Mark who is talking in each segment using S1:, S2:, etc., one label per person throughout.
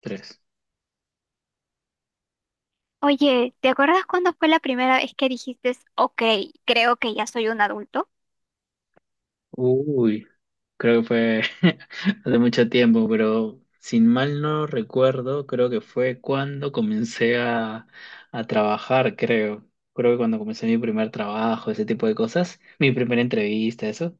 S1: Tres.
S2: Oye, ¿te acuerdas cuándo fue la primera vez que dijiste, ok, creo que ya soy un adulto?
S1: Uy, creo que fue hace mucho tiempo, pero sin mal no recuerdo, creo que fue cuando comencé a trabajar, creo. Creo que cuando comencé mi primer trabajo, ese tipo de cosas, mi primera entrevista, eso.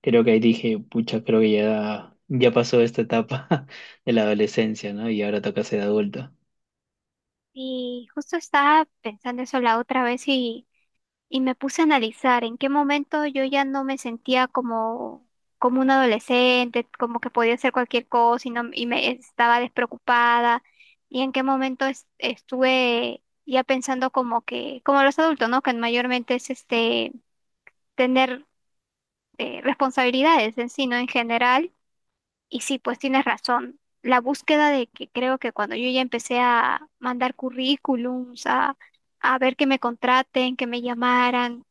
S1: Creo que ahí dije, pucha, creo que ya pasó esta etapa de la adolescencia, ¿no? Y ahora toca ser adulto.
S2: Y justo estaba pensando eso la otra vez y me puse a analizar en qué momento yo ya no me sentía como, como un adolescente, como que podía hacer cualquier cosa y, no, y me estaba despreocupada, y en qué momento estuve ya pensando como que, como los adultos, ¿no? Que mayormente es este tener responsabilidades en sí, ¿no? En general. Y sí, pues tienes razón. La búsqueda de que creo que cuando yo ya empecé a mandar currículums, a ver que me contraten, que me llamaran,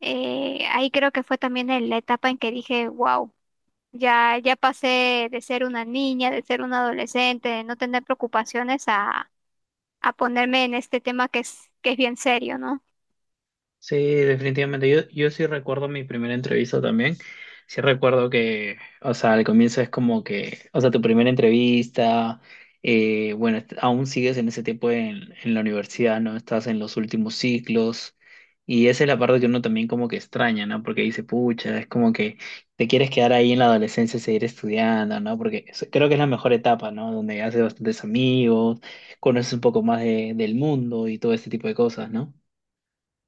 S2: ahí creo que fue también en la etapa en que dije, wow, ya pasé de ser una niña, de ser una adolescente, de no tener preocupaciones a ponerme en este tema que es bien serio, ¿no?
S1: Sí, definitivamente. Yo sí recuerdo mi primera entrevista también. Sí recuerdo que, o sea, al comienzo es como que, o sea, tu primera entrevista, bueno, aún sigues en ese tiempo en la universidad, ¿no? Estás en los últimos ciclos y esa es la parte que uno también como que extraña, ¿no? Porque dice, pucha, es como que te quieres quedar ahí en la adolescencia y seguir estudiando, ¿no? Porque creo que es la mejor etapa, ¿no? Donde haces bastantes amigos, conoces un poco más del mundo y todo este tipo de cosas, ¿no?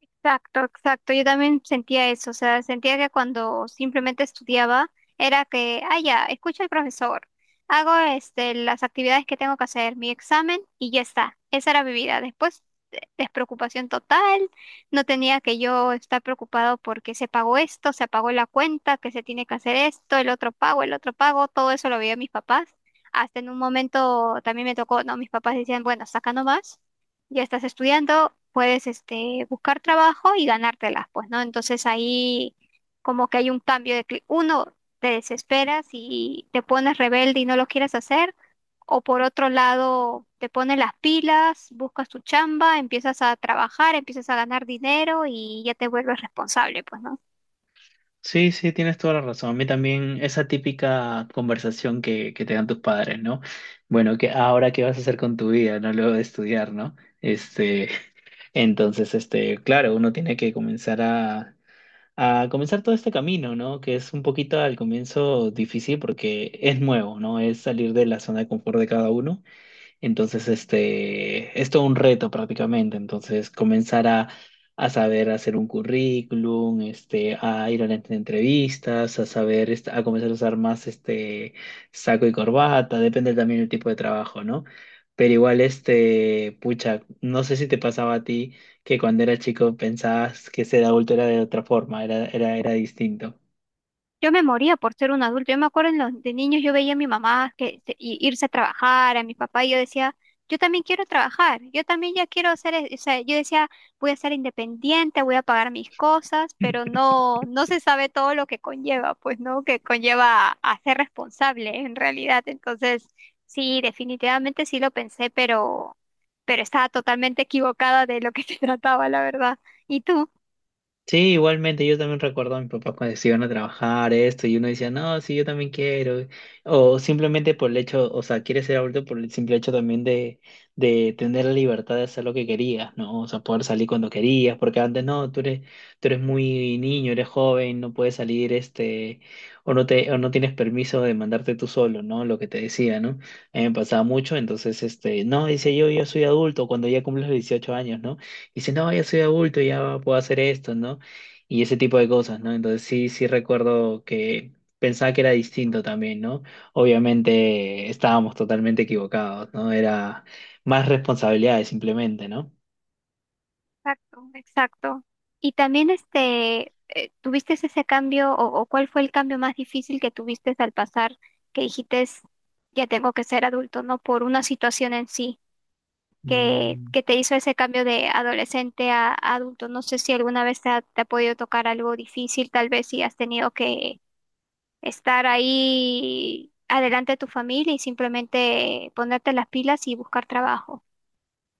S2: Exacto, exacto. Yo también sentía eso, o sea, sentía que cuando simplemente estudiaba era que, ah, ya, escucho al profesor, hago este, las actividades que tengo que hacer, mi examen y ya está. Esa era mi vida. Después, despreocupación total, no tenía que yo estar preocupado porque se pagó esto, se pagó la cuenta, que se tiene que hacer esto, el otro pago, todo eso lo veía mis papás. Hasta en un momento también me tocó, no, mis papás decían, bueno, saca nomás, ya estás estudiando, puedes este, buscar trabajo y ganártelas, pues, ¿no? Entonces ahí como que hay un cambio de uno, te desesperas y te pones rebelde y no lo quieres hacer, o por otro lado, te pones las pilas, buscas tu chamba, empiezas a trabajar, empiezas a ganar dinero y ya te vuelves responsable, pues, ¿no?
S1: Sí, sí, tienes toda la razón. A mí también esa típica conversación que te dan tus padres, ¿no? Bueno, que ahora qué vas a hacer con tu vida, ¿no? Luego de estudiar, ¿no? Este, entonces, este, claro, uno tiene que comenzar a comenzar todo este camino, ¿no? Que es un poquito al comienzo difícil porque es nuevo, ¿no? Es salir de la zona de confort de cada uno. Entonces, este, es todo un reto prácticamente. Entonces, comenzar a saber hacer un currículum, este, a ir a las entrevistas, a saber, este, a comenzar a usar más este saco y corbata, depende también del tipo de trabajo, ¿no? Pero igual, este, pucha, no sé si te pasaba a ti que cuando eras chico pensabas que ser adulto era de otra forma, era distinto.
S2: Yo me moría por ser un adulto. Yo me acuerdo en los, de niños yo veía a mi mamá que irse a trabajar, a mi papá, y yo decía, yo también quiero trabajar, yo también ya quiero ser, o sea, yo decía, voy a ser independiente, voy a pagar mis cosas, pero no, no se sabe todo lo que conlleva, pues, ¿no? Que conlleva a ser responsable en realidad. Entonces, sí, definitivamente sí lo pensé, pero estaba totalmente equivocada de lo que se trataba, la verdad. ¿Y tú?
S1: Sí, igualmente, yo también recuerdo a mi papá cuando se iban a trabajar esto y uno decía, no, sí, yo también quiero. O simplemente por el hecho, o sea, quiere ser adulto por el simple hecho también de tener la libertad de hacer lo que querías, ¿no? O sea, poder salir cuando querías, porque antes no, tú eres muy niño, eres joven, no puedes salir, este, o no te, o no tienes permiso de mandarte tú solo, ¿no? Lo que te decía, ¿no? A mí me pasaba mucho, entonces, este, no, dice yo soy adulto cuando ya cumples los 18 años, ¿no? Y dice, no, ya soy adulto, ya puedo hacer esto, ¿no? Y ese tipo de cosas, ¿no? Entonces sí, sí recuerdo que pensaba que era distinto también, ¿no? Obviamente estábamos totalmente equivocados, ¿no? Era más responsabilidades simplemente, ¿no?
S2: Exacto, exacto. Y también este, ¿tuviste ese cambio o cuál fue el cambio más difícil que tuviste al pasar que dijiste, ya tengo que ser adulto, no por una situación en sí
S1: Mm,
S2: que te hizo ese cambio de adolescente a adulto? No sé si alguna vez te ha podido tocar algo difícil, tal vez si has tenido que estar ahí adelante de tu familia y simplemente ponerte las pilas y buscar trabajo.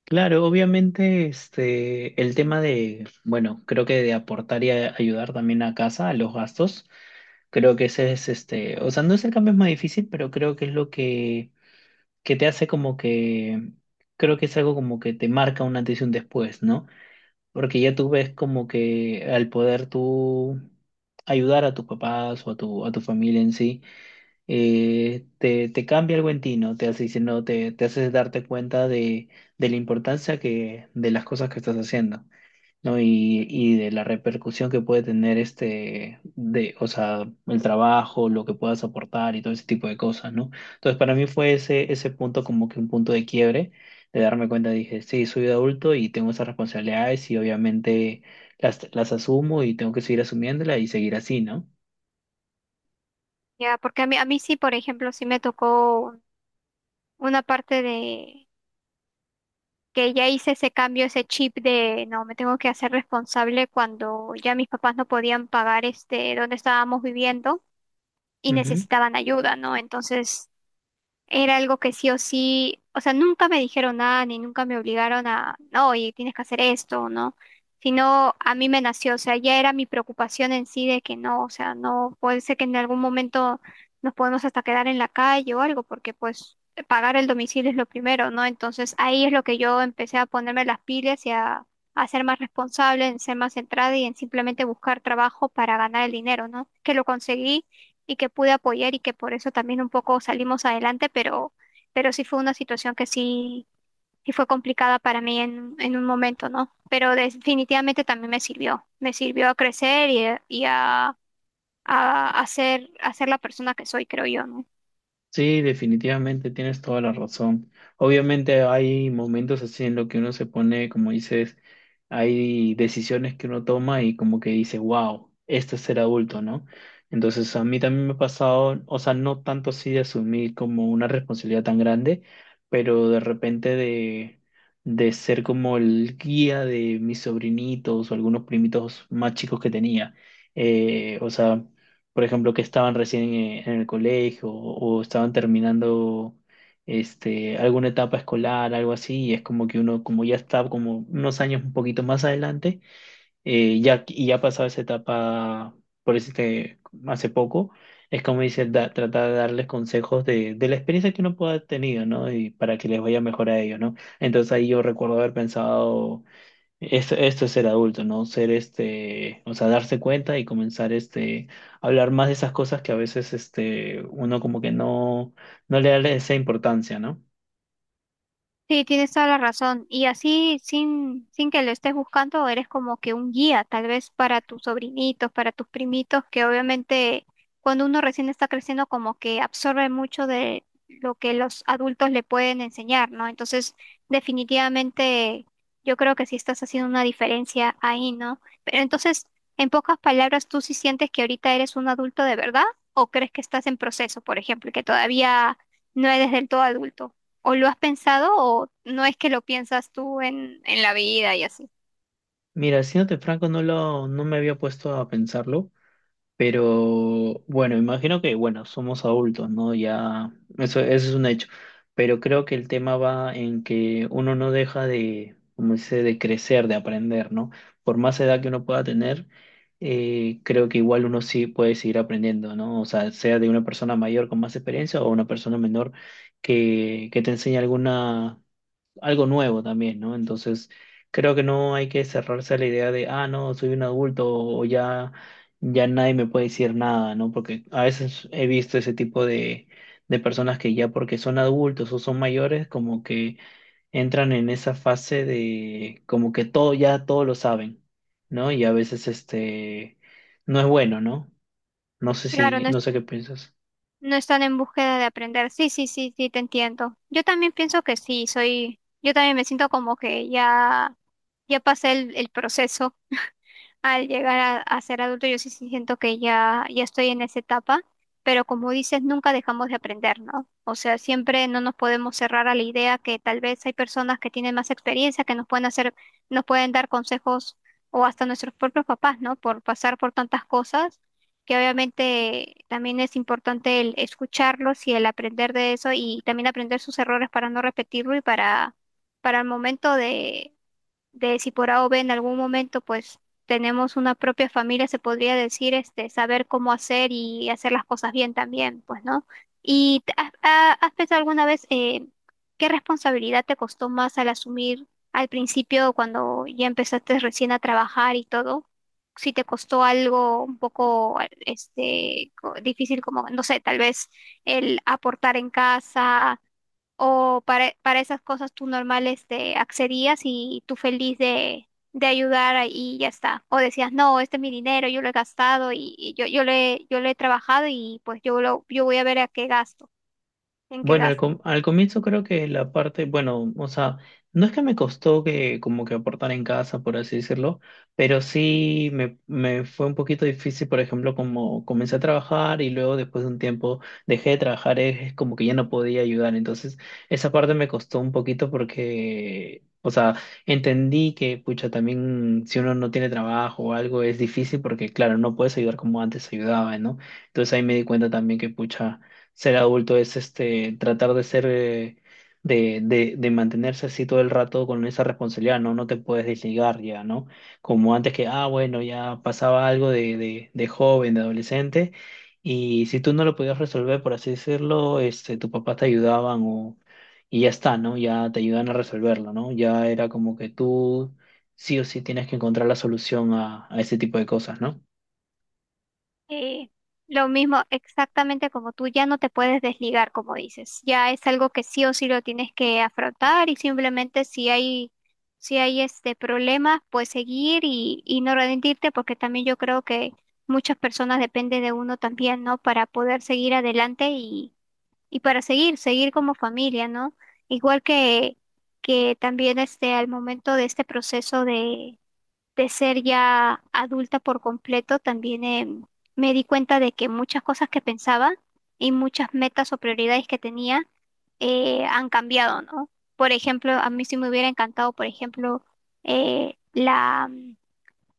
S1: Claro, obviamente este, el tema de, bueno, creo que de aportar y ayudar también a casa, a los gastos, creo que ese es, este, o sea, no es el cambio más difícil, pero creo que es lo que te hace como que, creo que es algo como que te marca un antes y un después, ¿no? Porque ya tú ves como que al poder tú ayudar a tus papás o a a tu familia en sí, te cambia algo en ti, ¿no? Te hace diciendo, te haces darte cuenta de la importancia que, de las cosas que estás haciendo. ¿No? Y de la repercusión que puede tener este, de, o sea, el trabajo, lo que puedas aportar y todo ese tipo de cosas, ¿no? Entonces, para mí fue ese punto como que un punto de quiebre, de darme cuenta, dije, sí, soy adulto y tengo esas responsabilidades y obviamente las asumo y tengo que seguir asumiéndolas y seguir así, ¿no?
S2: Ya, porque a mí sí, por ejemplo, sí me tocó una parte de que ya hice ese cambio, ese chip de no, me tengo que hacer responsable cuando ya mis papás no podían pagar este donde estábamos viviendo y
S1: Ujú.
S2: necesitaban ayuda, ¿no? Entonces era algo que sí o sí, o sea, nunca me dijeron nada ni nunca me obligaron a, no, oye, tienes que hacer esto, ¿no? Sino a mí me nació, o sea, ya era mi preocupación en sí de que no, o sea, no puede ser que en algún momento nos podemos hasta quedar en la calle o algo, porque pues pagar el domicilio es lo primero, ¿no? Entonces ahí es lo que yo empecé a ponerme las pilas y a ser más responsable, en ser más centrada y en simplemente buscar trabajo para ganar el dinero, ¿no? Que lo conseguí y que pude apoyar y que por eso también un poco salimos adelante, pero sí fue una situación sí fue complicada para mí en un momento, ¿no? Pero definitivamente también me sirvió a crecer a ser la persona que soy, creo yo, ¿no?
S1: Sí, definitivamente tienes toda la razón. Obviamente hay momentos así en los que uno se pone, como dices, hay decisiones que uno toma y como que dice, wow, esto es ser adulto, ¿no? Entonces a mí también me ha pasado, o sea, no tanto así de asumir como una responsabilidad tan grande, pero de repente de ser como el guía de mis sobrinitos o algunos primitos más chicos que tenía. O sea, por ejemplo, que estaban recién en el colegio o estaban terminando este, alguna etapa escolar, algo así, y es como que uno, como ya está como unos años un poquito más adelante, ya, y ya ha pasado esa etapa, por este, hace poco, es como dice, tratar de darles consejos de la experiencia que uno pueda haber tenido, ¿no? Y para que les vaya mejor a ellos, ¿no? Entonces ahí yo recuerdo haber pensado... esto es ser adulto, ¿no? Ser este, o sea, darse cuenta y comenzar este, a hablar más de esas cosas que a veces este, uno como que no, no le da esa importancia, ¿no?
S2: Sí, tienes toda la razón. Y así, sin, sin que lo estés buscando, eres como que un guía, tal vez para tus sobrinitos, para tus primitos, que obviamente cuando uno recién está creciendo, como que absorbe mucho de lo que los adultos le pueden enseñar, ¿no? Entonces, definitivamente, yo creo que sí estás haciendo una diferencia ahí, ¿no? Pero entonces, en pocas palabras, ¿tú sí sientes que ahorita eres un adulto de verdad? ¿O crees que estás en proceso, por ejemplo, y que todavía no eres del todo adulto? ¿O lo has pensado o no es que lo piensas tú en la vida y así?
S1: Mira, siéndote franco, no me había puesto a pensarlo. Pero bueno, imagino que, bueno, somos adultos, ¿no? Ya, eso es un hecho. Pero creo que el tema va en que uno no deja de, como dice, de crecer, de aprender, ¿no? Por más edad que uno pueda tener, creo que igual uno sí puede seguir aprendiendo, ¿no? O sea, sea de una persona mayor con más experiencia o una persona menor que te enseñe alguna algo nuevo también, ¿no? Entonces, creo que no hay que cerrarse a la idea de, ah, no, soy un adulto o ya, ya nadie me puede decir nada, ¿no? Porque a veces he visto ese tipo de personas que ya porque son adultos o son mayores, como que entran en esa fase de, como que todo, ya todo lo saben, ¿no? Y a veces este, no es bueno, ¿no? No sé
S2: Claro,
S1: si,
S2: no,
S1: no sé qué piensas.
S2: no están en búsqueda de aprender. Sí, sí, sí, sí, te entiendo. Yo también pienso que sí, soy, yo también me siento como que ya, ya pasé el proceso al llegar a ser adulto, yo sí sí siento que ya, ya estoy en esa etapa, pero como dices, nunca dejamos de aprender, ¿no? O sea, siempre no nos podemos cerrar a la idea que tal vez hay personas que tienen más experiencia, que nos pueden hacer, nos pueden dar consejos o hasta nuestros propios papás, ¿no? Por pasar por tantas cosas, que obviamente también es importante el escucharlos y el aprender de eso y también aprender sus errores para no repetirlo y para el momento de si por A o B en algún momento pues tenemos una propia familia, se podría decir, este, saber cómo hacer y hacer las cosas bien también, pues, ¿no? ¿Y has pensado alguna vez qué responsabilidad te costó más al asumir al principio cuando ya empezaste recién a trabajar y todo? Si te costó algo un poco este difícil como, no sé, tal vez el aportar en casa. ¿O para esas cosas tú normales te accedías y tú feliz de ayudar y ya está? ¿O decías, no, este es mi dinero, yo lo he gastado yo le he trabajado y pues yo voy a ver a qué gasto, en qué
S1: Bueno, al,
S2: gasto?
S1: al comienzo creo que la parte, bueno, o sea, no es que me costó que como que aportar en casa, por así decirlo, pero sí me fue un poquito difícil, por ejemplo, como comencé a trabajar y luego después de un tiempo dejé de trabajar, es como que ya no podía ayudar, entonces esa parte me costó un poquito porque, o sea, entendí que, pucha, también si uno no tiene trabajo o algo es difícil porque, claro, no puedes ayudar como antes ayudaba, ¿no? Entonces ahí me di cuenta también que, pucha ser adulto es este tratar de ser de mantenerse así todo el rato con esa responsabilidad, ¿no? No te puedes desligar ya, ¿no? Como antes que, ah, bueno, ya pasaba algo de joven, de adolescente, y si tú no lo podías resolver, por así decirlo, este, tus papás te ayudaban o, y ya está, ¿no? Ya te ayudan a resolverlo, ¿no? Ya era como que tú sí o sí tienes que encontrar la solución a ese tipo de cosas, ¿no?
S2: Eh, lo mismo, exactamente como tú, ya no te puedes desligar, como dices. Ya es algo que sí o sí lo tienes que afrontar y simplemente si hay este problemas, pues seguir y no rendirte, porque también yo creo que muchas personas dependen de uno también, ¿no? Para poder seguir adelante y para seguir, seguir como familia, ¿no? Igual que, que también este, al momento de este proceso de ser ya adulta por completo, también me di cuenta de que muchas cosas que pensaba y muchas metas o prioridades que tenía han cambiado, ¿no? Por ejemplo, a mí sí me hubiera encantado, por ejemplo, la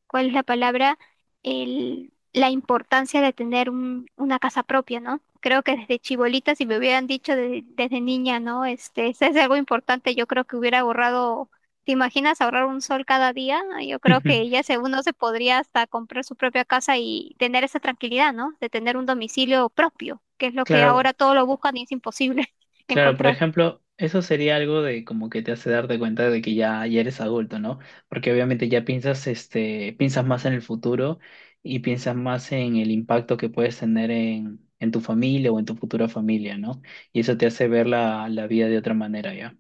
S2: ¿cuál es la palabra? La importancia de tener una casa propia, ¿no? Creo que desde chibolita, si me hubieran dicho desde niña, ¿no? Este, eso es algo importante, yo creo que hubiera ahorrado. ¿Te imaginas ahorrar un sol cada día? Yo creo que ya se, uno se podría hasta comprar su propia casa y tener esa tranquilidad, ¿no? De tener un domicilio propio, que es lo que
S1: Claro,
S2: ahora todos lo buscan y es imposible
S1: claro, por
S2: encontrar.
S1: ejemplo, eso sería algo de como que te hace darte cuenta de que ya, ya eres adulto, ¿no? Porque obviamente ya piensas, este, piensas más en el futuro y piensas más en el impacto que puedes tener en tu familia o en tu futura familia, ¿no? Y eso te hace ver la vida de otra manera, ¿ya?